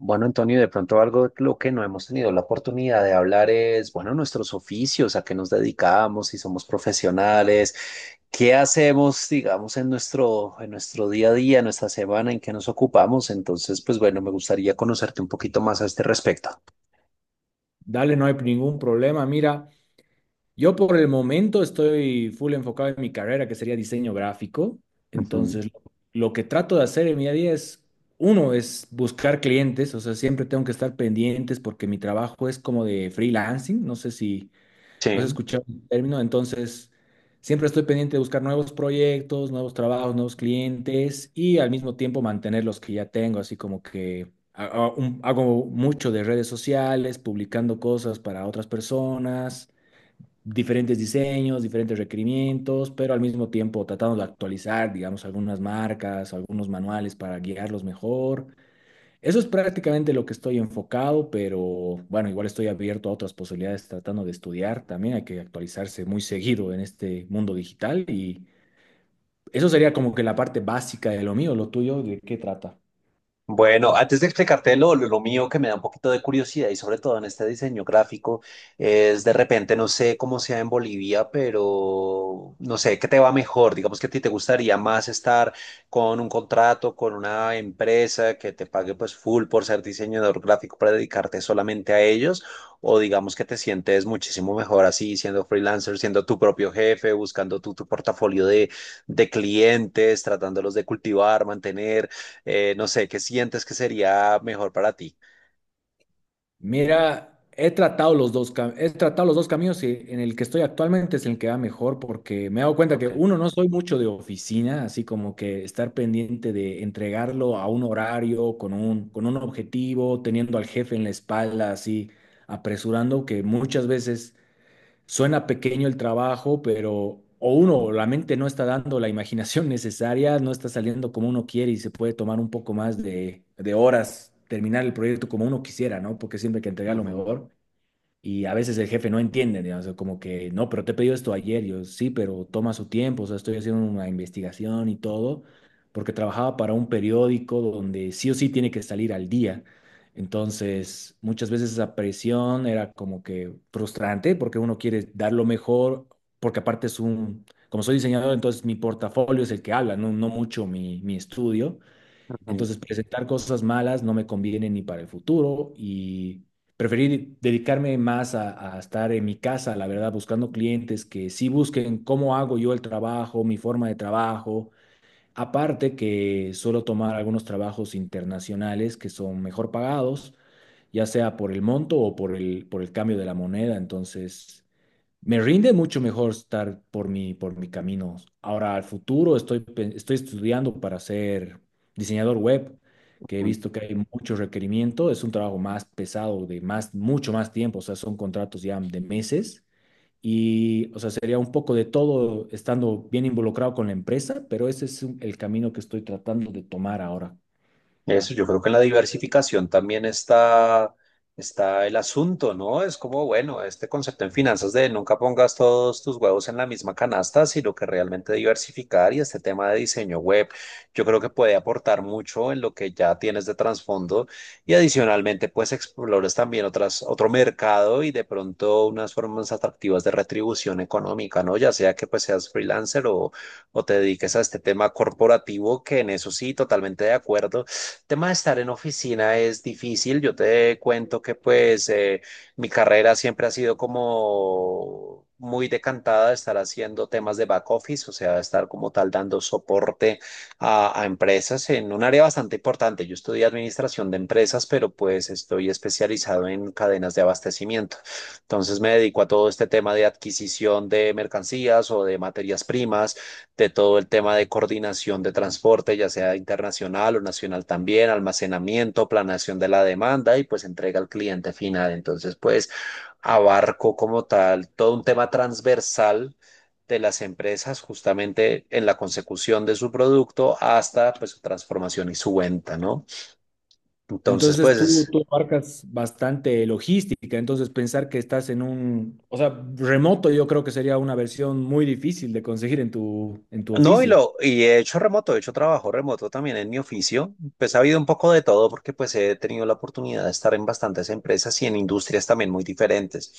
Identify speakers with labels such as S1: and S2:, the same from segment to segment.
S1: Bueno, Antonio, de pronto algo de lo que no hemos tenido la oportunidad de hablar es, bueno, nuestros oficios, a qué nos dedicamos, si somos profesionales, qué hacemos, digamos, en nuestro día a día, en nuestra semana, en qué nos ocupamos. Entonces, pues bueno, me gustaría conocerte un poquito más a este respecto.
S2: Dale, no hay ningún problema. Mira, yo por el momento estoy full enfocado en mi carrera, que sería diseño gráfico.
S1: Ujú.
S2: Entonces, lo que trato de hacer en mi día a día es, uno, es buscar clientes, o sea, siempre tengo que estar pendientes porque mi trabajo es como de freelancing. No sé si
S1: Sí.
S2: no has escuchado el término, entonces siempre estoy pendiente de buscar nuevos proyectos, nuevos trabajos, nuevos clientes y al mismo tiempo mantener los que ya tengo, así como que hago mucho de redes sociales, publicando cosas para otras personas, diferentes diseños, diferentes requerimientos, pero al mismo tiempo tratando de actualizar, digamos, algunas marcas, algunos manuales para guiarlos mejor. Eso es prácticamente lo que estoy enfocado, pero bueno, igual estoy abierto a otras posibilidades tratando de estudiar. También hay que actualizarse muy seguido en este mundo digital y eso sería como que la parte básica de lo mío. Lo tuyo, ¿de qué trata?
S1: Bueno, antes de explicarte lo mío que me da un poquito de curiosidad y sobre todo en este diseño gráfico, es de repente, no sé cómo sea en Bolivia, pero no sé, ¿qué te va mejor? Digamos que a ti te gustaría más estar con un contrato, con una empresa que te pague pues full por ser diseñador gráfico para dedicarte solamente a ellos, o digamos que te sientes muchísimo mejor así, siendo freelancer, siendo tu propio jefe, buscando tu portafolio de clientes, tratándolos de cultivar, mantener. No sé, ¿qué sientes que sería mejor para ti?
S2: Mira, he tratado los dos, he tratado los dos caminos y en el que estoy actualmente es el que va mejor porque me he dado cuenta que
S1: Ok.
S2: uno, no soy mucho de oficina, así como que estar pendiente de entregarlo a un horario, con un objetivo, teniendo al jefe en la espalda, así apresurando, que muchas veces suena pequeño el trabajo, pero o uno, la mente no está dando la imaginación necesaria, no está saliendo como uno quiere y se puede tomar un poco más de horas terminar el proyecto como uno quisiera, ¿no? Porque siempre hay que entregar lo
S1: Ujú,
S2: mejor. Y a veces el jefe no entiende, digamos, o como que, no, pero te he pedido esto ayer, yo sí, pero toma su tiempo, o sea, estoy haciendo una investigación y todo, porque trabajaba para un periódico donde sí o sí tiene que salir al día. Entonces, muchas veces esa presión era como que frustrante, porque uno quiere dar lo mejor, porque aparte es un, como soy diseñador, entonces mi portafolio es el que habla, no, no mucho mi estudio.
S1: ujú,
S2: Entonces, presentar cosas malas no me conviene ni para el futuro y preferí dedicarme más a estar en mi casa, la verdad, buscando clientes que sí busquen cómo hago yo el trabajo, mi forma de trabajo. Aparte que suelo tomar algunos trabajos internacionales que son mejor pagados, ya sea por el monto o por el cambio de la moneda. Entonces, me rinde mucho mejor estar por mi camino. Ahora, al futuro estoy, estoy estudiando para ser diseñador web, que he
S1: ujú.
S2: visto que hay mucho requerimiento. Es un trabajo más pesado, de más, mucho más tiempo. O sea, son contratos ya de meses. Y, o sea, sería un poco de todo estando bien involucrado con la empresa, pero ese es el camino que estoy tratando de tomar ahora.
S1: Eso, yo creo que en la diversificación también está el asunto, ¿no? Es como, bueno, este concepto en finanzas de nunca pongas todos tus huevos en la misma canasta, sino que realmente diversificar y este tema de diseño web, yo creo que puede aportar mucho en lo que ya tienes de trasfondo y adicionalmente, pues explores también otras, otro mercado y de pronto unas formas atractivas de retribución económica, ¿no? Ya sea que pues seas freelancer o te dediques a este tema corporativo, que en eso sí, totalmente de acuerdo tema de estar en oficina es difícil. Yo te cuento que pues mi carrera siempre ha sido como muy decantada de estar haciendo temas de back office, o sea, estar como tal dando soporte a empresas en un área bastante importante. Yo estudié administración de empresas, pero pues estoy especializado en cadenas de abastecimiento. Entonces me dedico a todo este tema de adquisición de mercancías o de materias primas de todo el tema de coordinación de transporte, ya sea internacional o nacional también, almacenamiento, planación de la demanda y pues entrega al cliente final. Entonces, pues abarco como tal todo un tema transversal de las empresas justamente en la consecución de su producto hasta pues su transformación y su venta, ¿no? Entonces,
S2: Entonces tú,
S1: pues
S2: tú abarcas bastante logística, entonces pensar que estás en un, o sea, remoto yo creo que sería una versión muy difícil de conseguir en tu
S1: no, y,
S2: oficio.
S1: lo, y he hecho remoto, he hecho trabajo remoto también en mi oficio. Pues ha habido un poco de todo porque pues he tenido la oportunidad de estar en bastantes empresas y en industrias también muy diferentes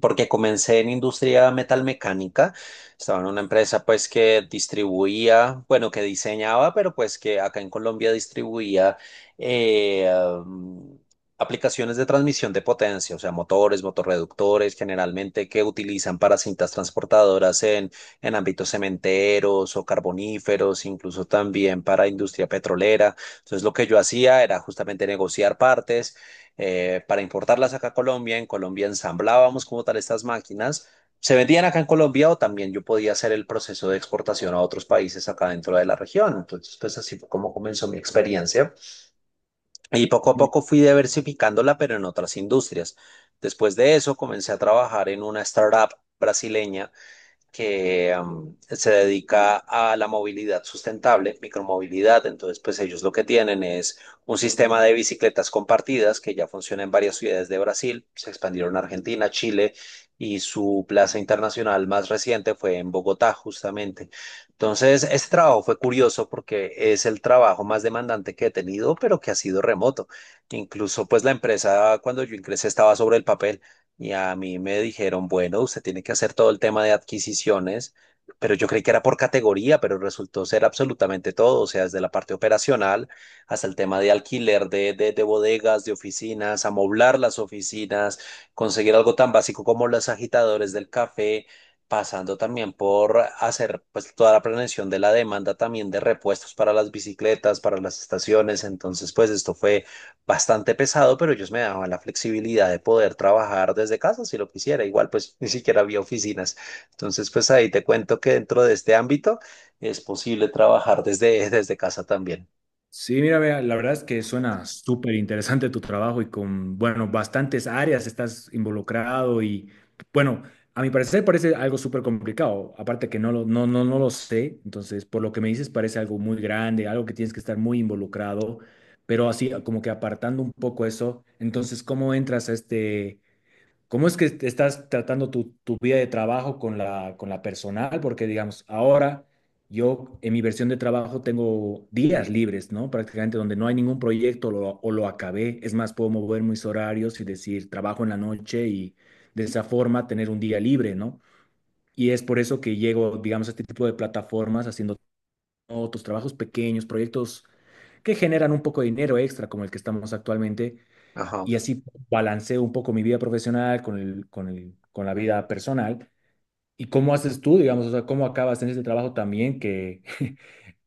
S1: porque comencé en industria metalmecánica, estaba en una empresa pues que distribuía, bueno, que diseñaba, pero pues que acá en Colombia distribuía eh, um, aplicaciones de transmisión de potencia, o sea, motores, motorreductores, generalmente que utilizan para cintas transportadoras en ámbitos cementeros o carboníferos, incluso también para industria petrolera. Entonces, lo que yo hacía era justamente negociar partes para importarlas acá a Colombia. En Colombia ensamblábamos como tal estas máquinas. Se vendían acá en Colombia o también yo podía hacer el proceso de exportación a otros países acá dentro de la región. Entonces, pues así fue como comenzó mi experiencia. Y poco a poco fui diversificándola, pero en otras industrias. Después de eso, comencé a trabajar en una startup brasileña que se dedica a la movilidad sustentable, micromovilidad. Entonces, pues ellos lo que tienen es un sistema de bicicletas compartidas que ya funciona en varias ciudades de Brasil, se expandieron a Argentina, Chile y su plaza internacional más reciente fue en Bogotá, justamente. Entonces, este trabajo fue curioso porque es el trabajo más demandante que he tenido, pero que ha sido remoto. Incluso, pues la empresa cuando yo ingresé estaba sobre el papel. Y a mí me dijeron, bueno, usted tiene que hacer todo el tema de adquisiciones, pero yo creí que era por categoría, pero resultó ser absolutamente todo, o sea, desde la parte operacional hasta el tema de alquiler de bodegas, de oficinas, amoblar las oficinas, conseguir algo tan básico como los agitadores del café, pasando también por hacer pues toda la planeación de la demanda también de repuestos para las bicicletas, para las estaciones. Entonces, pues esto fue bastante pesado, pero ellos me daban la flexibilidad de poder trabajar desde casa si lo quisiera. Igual, pues ni siquiera había oficinas. Entonces, pues ahí te cuento que dentro de este ámbito es posible trabajar desde, desde casa también.
S2: Sí, mira, vea, la verdad es que suena súper interesante tu trabajo y con, bueno, bastantes áreas estás involucrado y, bueno, a mi parecer parece algo súper complicado, aparte que no lo, no, no, no lo sé, entonces, por lo que me dices, parece algo muy grande, algo que tienes que estar muy involucrado, pero así como que apartando un poco eso, entonces, ¿cómo entras a este... ¿Cómo es que te estás tratando tu, tu vida de trabajo con la personal? Porque, digamos, ahora yo en mi versión de trabajo tengo días libres, ¿no? Prácticamente donde no hay ningún proyecto o lo acabé. Es más, puedo mover mis horarios y decir, trabajo en la noche y de esa forma tener un día libre, ¿no? Y es por eso que llego, digamos, a este tipo de plataformas haciendo otros trabajos pequeños, proyectos que generan un poco de dinero extra, como el que estamos actualmente
S1: Ajá.
S2: y así balanceo un poco mi vida profesional con el, con la vida personal. ¿Y cómo haces tú, digamos, o sea, cómo acabas en este trabajo también que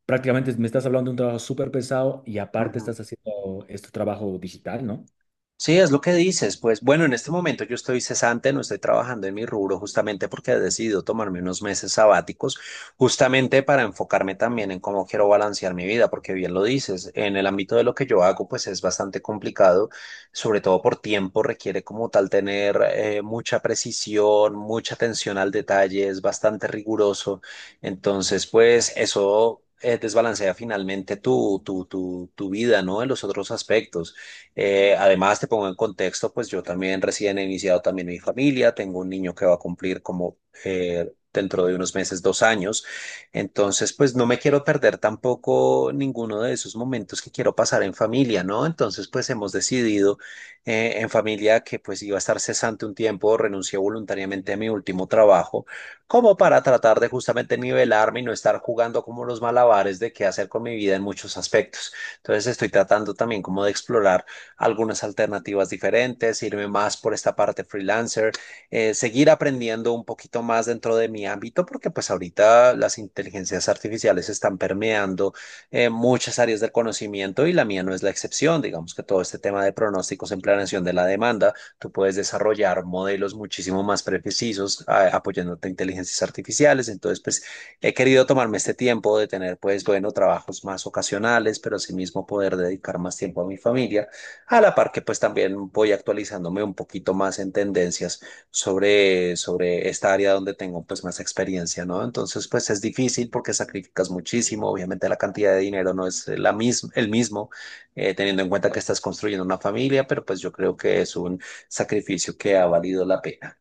S2: prácticamente me estás hablando de un trabajo súper pesado y aparte
S1: Ujú.
S2: estás haciendo este trabajo digital, ¿no?
S1: Sí, es lo que dices. Pues bueno, en este momento yo estoy cesante, no estoy trabajando en mi rubro justamente porque he decidido tomarme unos meses sabáticos, justamente para enfocarme también en cómo quiero balancear mi vida, porque bien lo dices, en el ámbito de lo que yo hago, pues es bastante complicado, sobre todo por tiempo, requiere como tal tener mucha precisión, mucha atención al detalle, es bastante riguroso. Entonces, pues eso... desbalancea finalmente tu vida, ¿no? En los otros aspectos. Además, te pongo en contexto, pues yo también recién he iniciado también mi familia, tengo un niño que va a cumplir como dentro de unos meses, dos años, entonces pues no me quiero perder tampoco ninguno de esos momentos que quiero pasar en familia, ¿no? Entonces pues hemos decidido en familia que pues iba a estar cesante un tiempo, renuncié voluntariamente a mi último trabajo, como para tratar de justamente nivelarme y no estar jugando como los malabares de qué hacer con mi vida en muchos aspectos. Entonces estoy tratando también como de explorar algunas alternativas diferentes, irme más por esta parte freelancer, seguir aprendiendo un poquito más dentro de mi ámbito, porque pues ahorita las inteligencias artificiales están permeando muchas áreas del conocimiento y la mía no es la excepción. Digamos que todo este tema de pronósticos en planeación de la demanda, tú puedes desarrollar modelos muchísimo más precisos apoyándote a inteligencias artificiales. Entonces, pues he querido tomarme este tiempo de tener, pues, bueno, trabajos más ocasionales, pero asimismo poder dedicar más tiempo a mi familia a la par que pues también voy actualizándome un poquito más en tendencias sobre, sobre esta área donde tengo pues más experiencia, ¿no? Entonces pues es difícil porque sacrificas muchísimo, obviamente la cantidad de dinero no es la misma, el mismo, teniendo en cuenta que estás construyendo una familia, pero pues yo creo que es un sacrificio que ha valido la pena.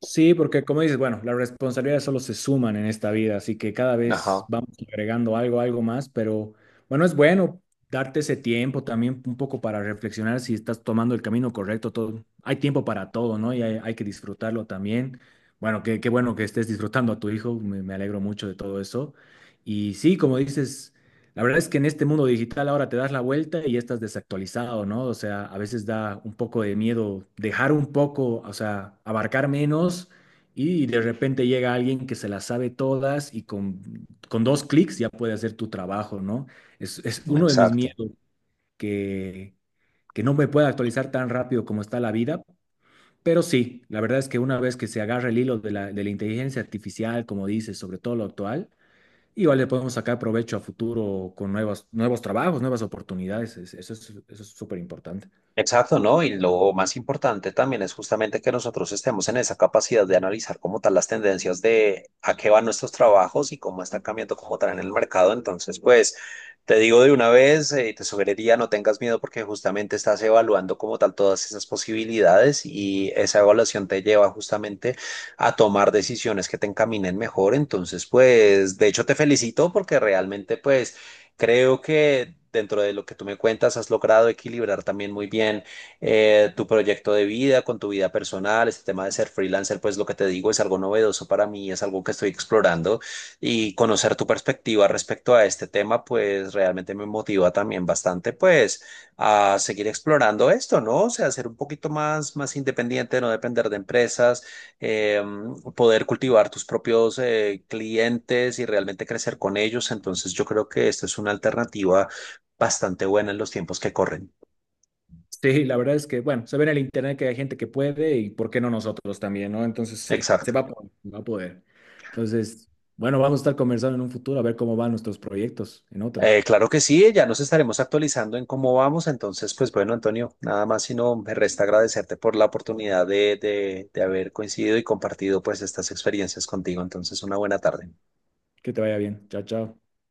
S2: Sí, porque como dices, bueno, las responsabilidades solo se suman en esta vida, así que cada vez
S1: Ajá,
S2: vamos agregando algo, algo más, pero bueno, es bueno darte ese tiempo también un poco para reflexionar si estás tomando el camino correcto, todo. Hay tiempo para todo, ¿no? Y hay que disfrutarlo también. Bueno, qué, qué bueno que estés disfrutando a tu hijo, me alegro mucho de todo eso. Y sí, como dices, la verdad es que en este mundo digital ahora te das la vuelta y ya estás desactualizado, ¿no? O sea, a veces da un poco de miedo dejar un poco, o sea, abarcar menos y de repente llega alguien que se las sabe todas y con dos clics ya puede hacer tu trabajo, ¿no? Es uno de mis
S1: exacto.
S2: miedos que, que no me pueda actualizar tan rápido como está la vida, pero sí, la verdad es que una vez que se agarra el hilo de la inteligencia artificial, como dices, sobre todo lo actual, igual le podemos sacar provecho a futuro con nuevos, nuevos trabajos, nuevas oportunidades. Eso es súper importante.
S1: Exacto, ¿no? Y lo más importante también es justamente que nosotros estemos en esa capacidad de analizar como tal las tendencias de a qué van nuestros trabajos y cómo están cambiando como tal en el mercado. Entonces, pues te digo de una vez, te sugeriría no tengas miedo porque justamente estás evaluando como tal todas esas posibilidades y esa evaluación te lleva justamente a tomar decisiones que te encaminen mejor. Entonces, pues de hecho te felicito porque realmente pues... Creo que dentro de lo que tú me cuentas, has logrado equilibrar también muy bien tu proyecto de vida con tu vida personal. Este tema de ser freelancer, pues lo que te digo es algo novedoso para mí, es algo que estoy explorando y conocer tu perspectiva respecto a este tema, pues realmente me motiva también bastante, pues a seguir explorando esto, ¿no? O sea, ser un poquito más, más independiente, no depender de empresas eh, poder cultivar tus propios clientes y realmente crecer con ellos. Entonces yo creo que esta es una alternativa bastante buena en los tiempos que corren.
S2: Sí, la verdad es que, bueno, se ve en el internet que hay gente que puede y por qué no nosotros también, ¿no? Entonces, sí, se
S1: Exacto.
S2: va a poder, va a poder. Entonces, bueno, vamos a estar conversando en un futuro a ver cómo van nuestros proyectos en otra.
S1: Claro que sí, ya nos estaremos actualizando en cómo vamos. Entonces, pues bueno, Antonio, nada más sino me resta agradecerte por la oportunidad de haber coincidido y compartido pues estas experiencias contigo. Entonces, una buena tarde.
S2: Que te vaya bien. Chao, chao.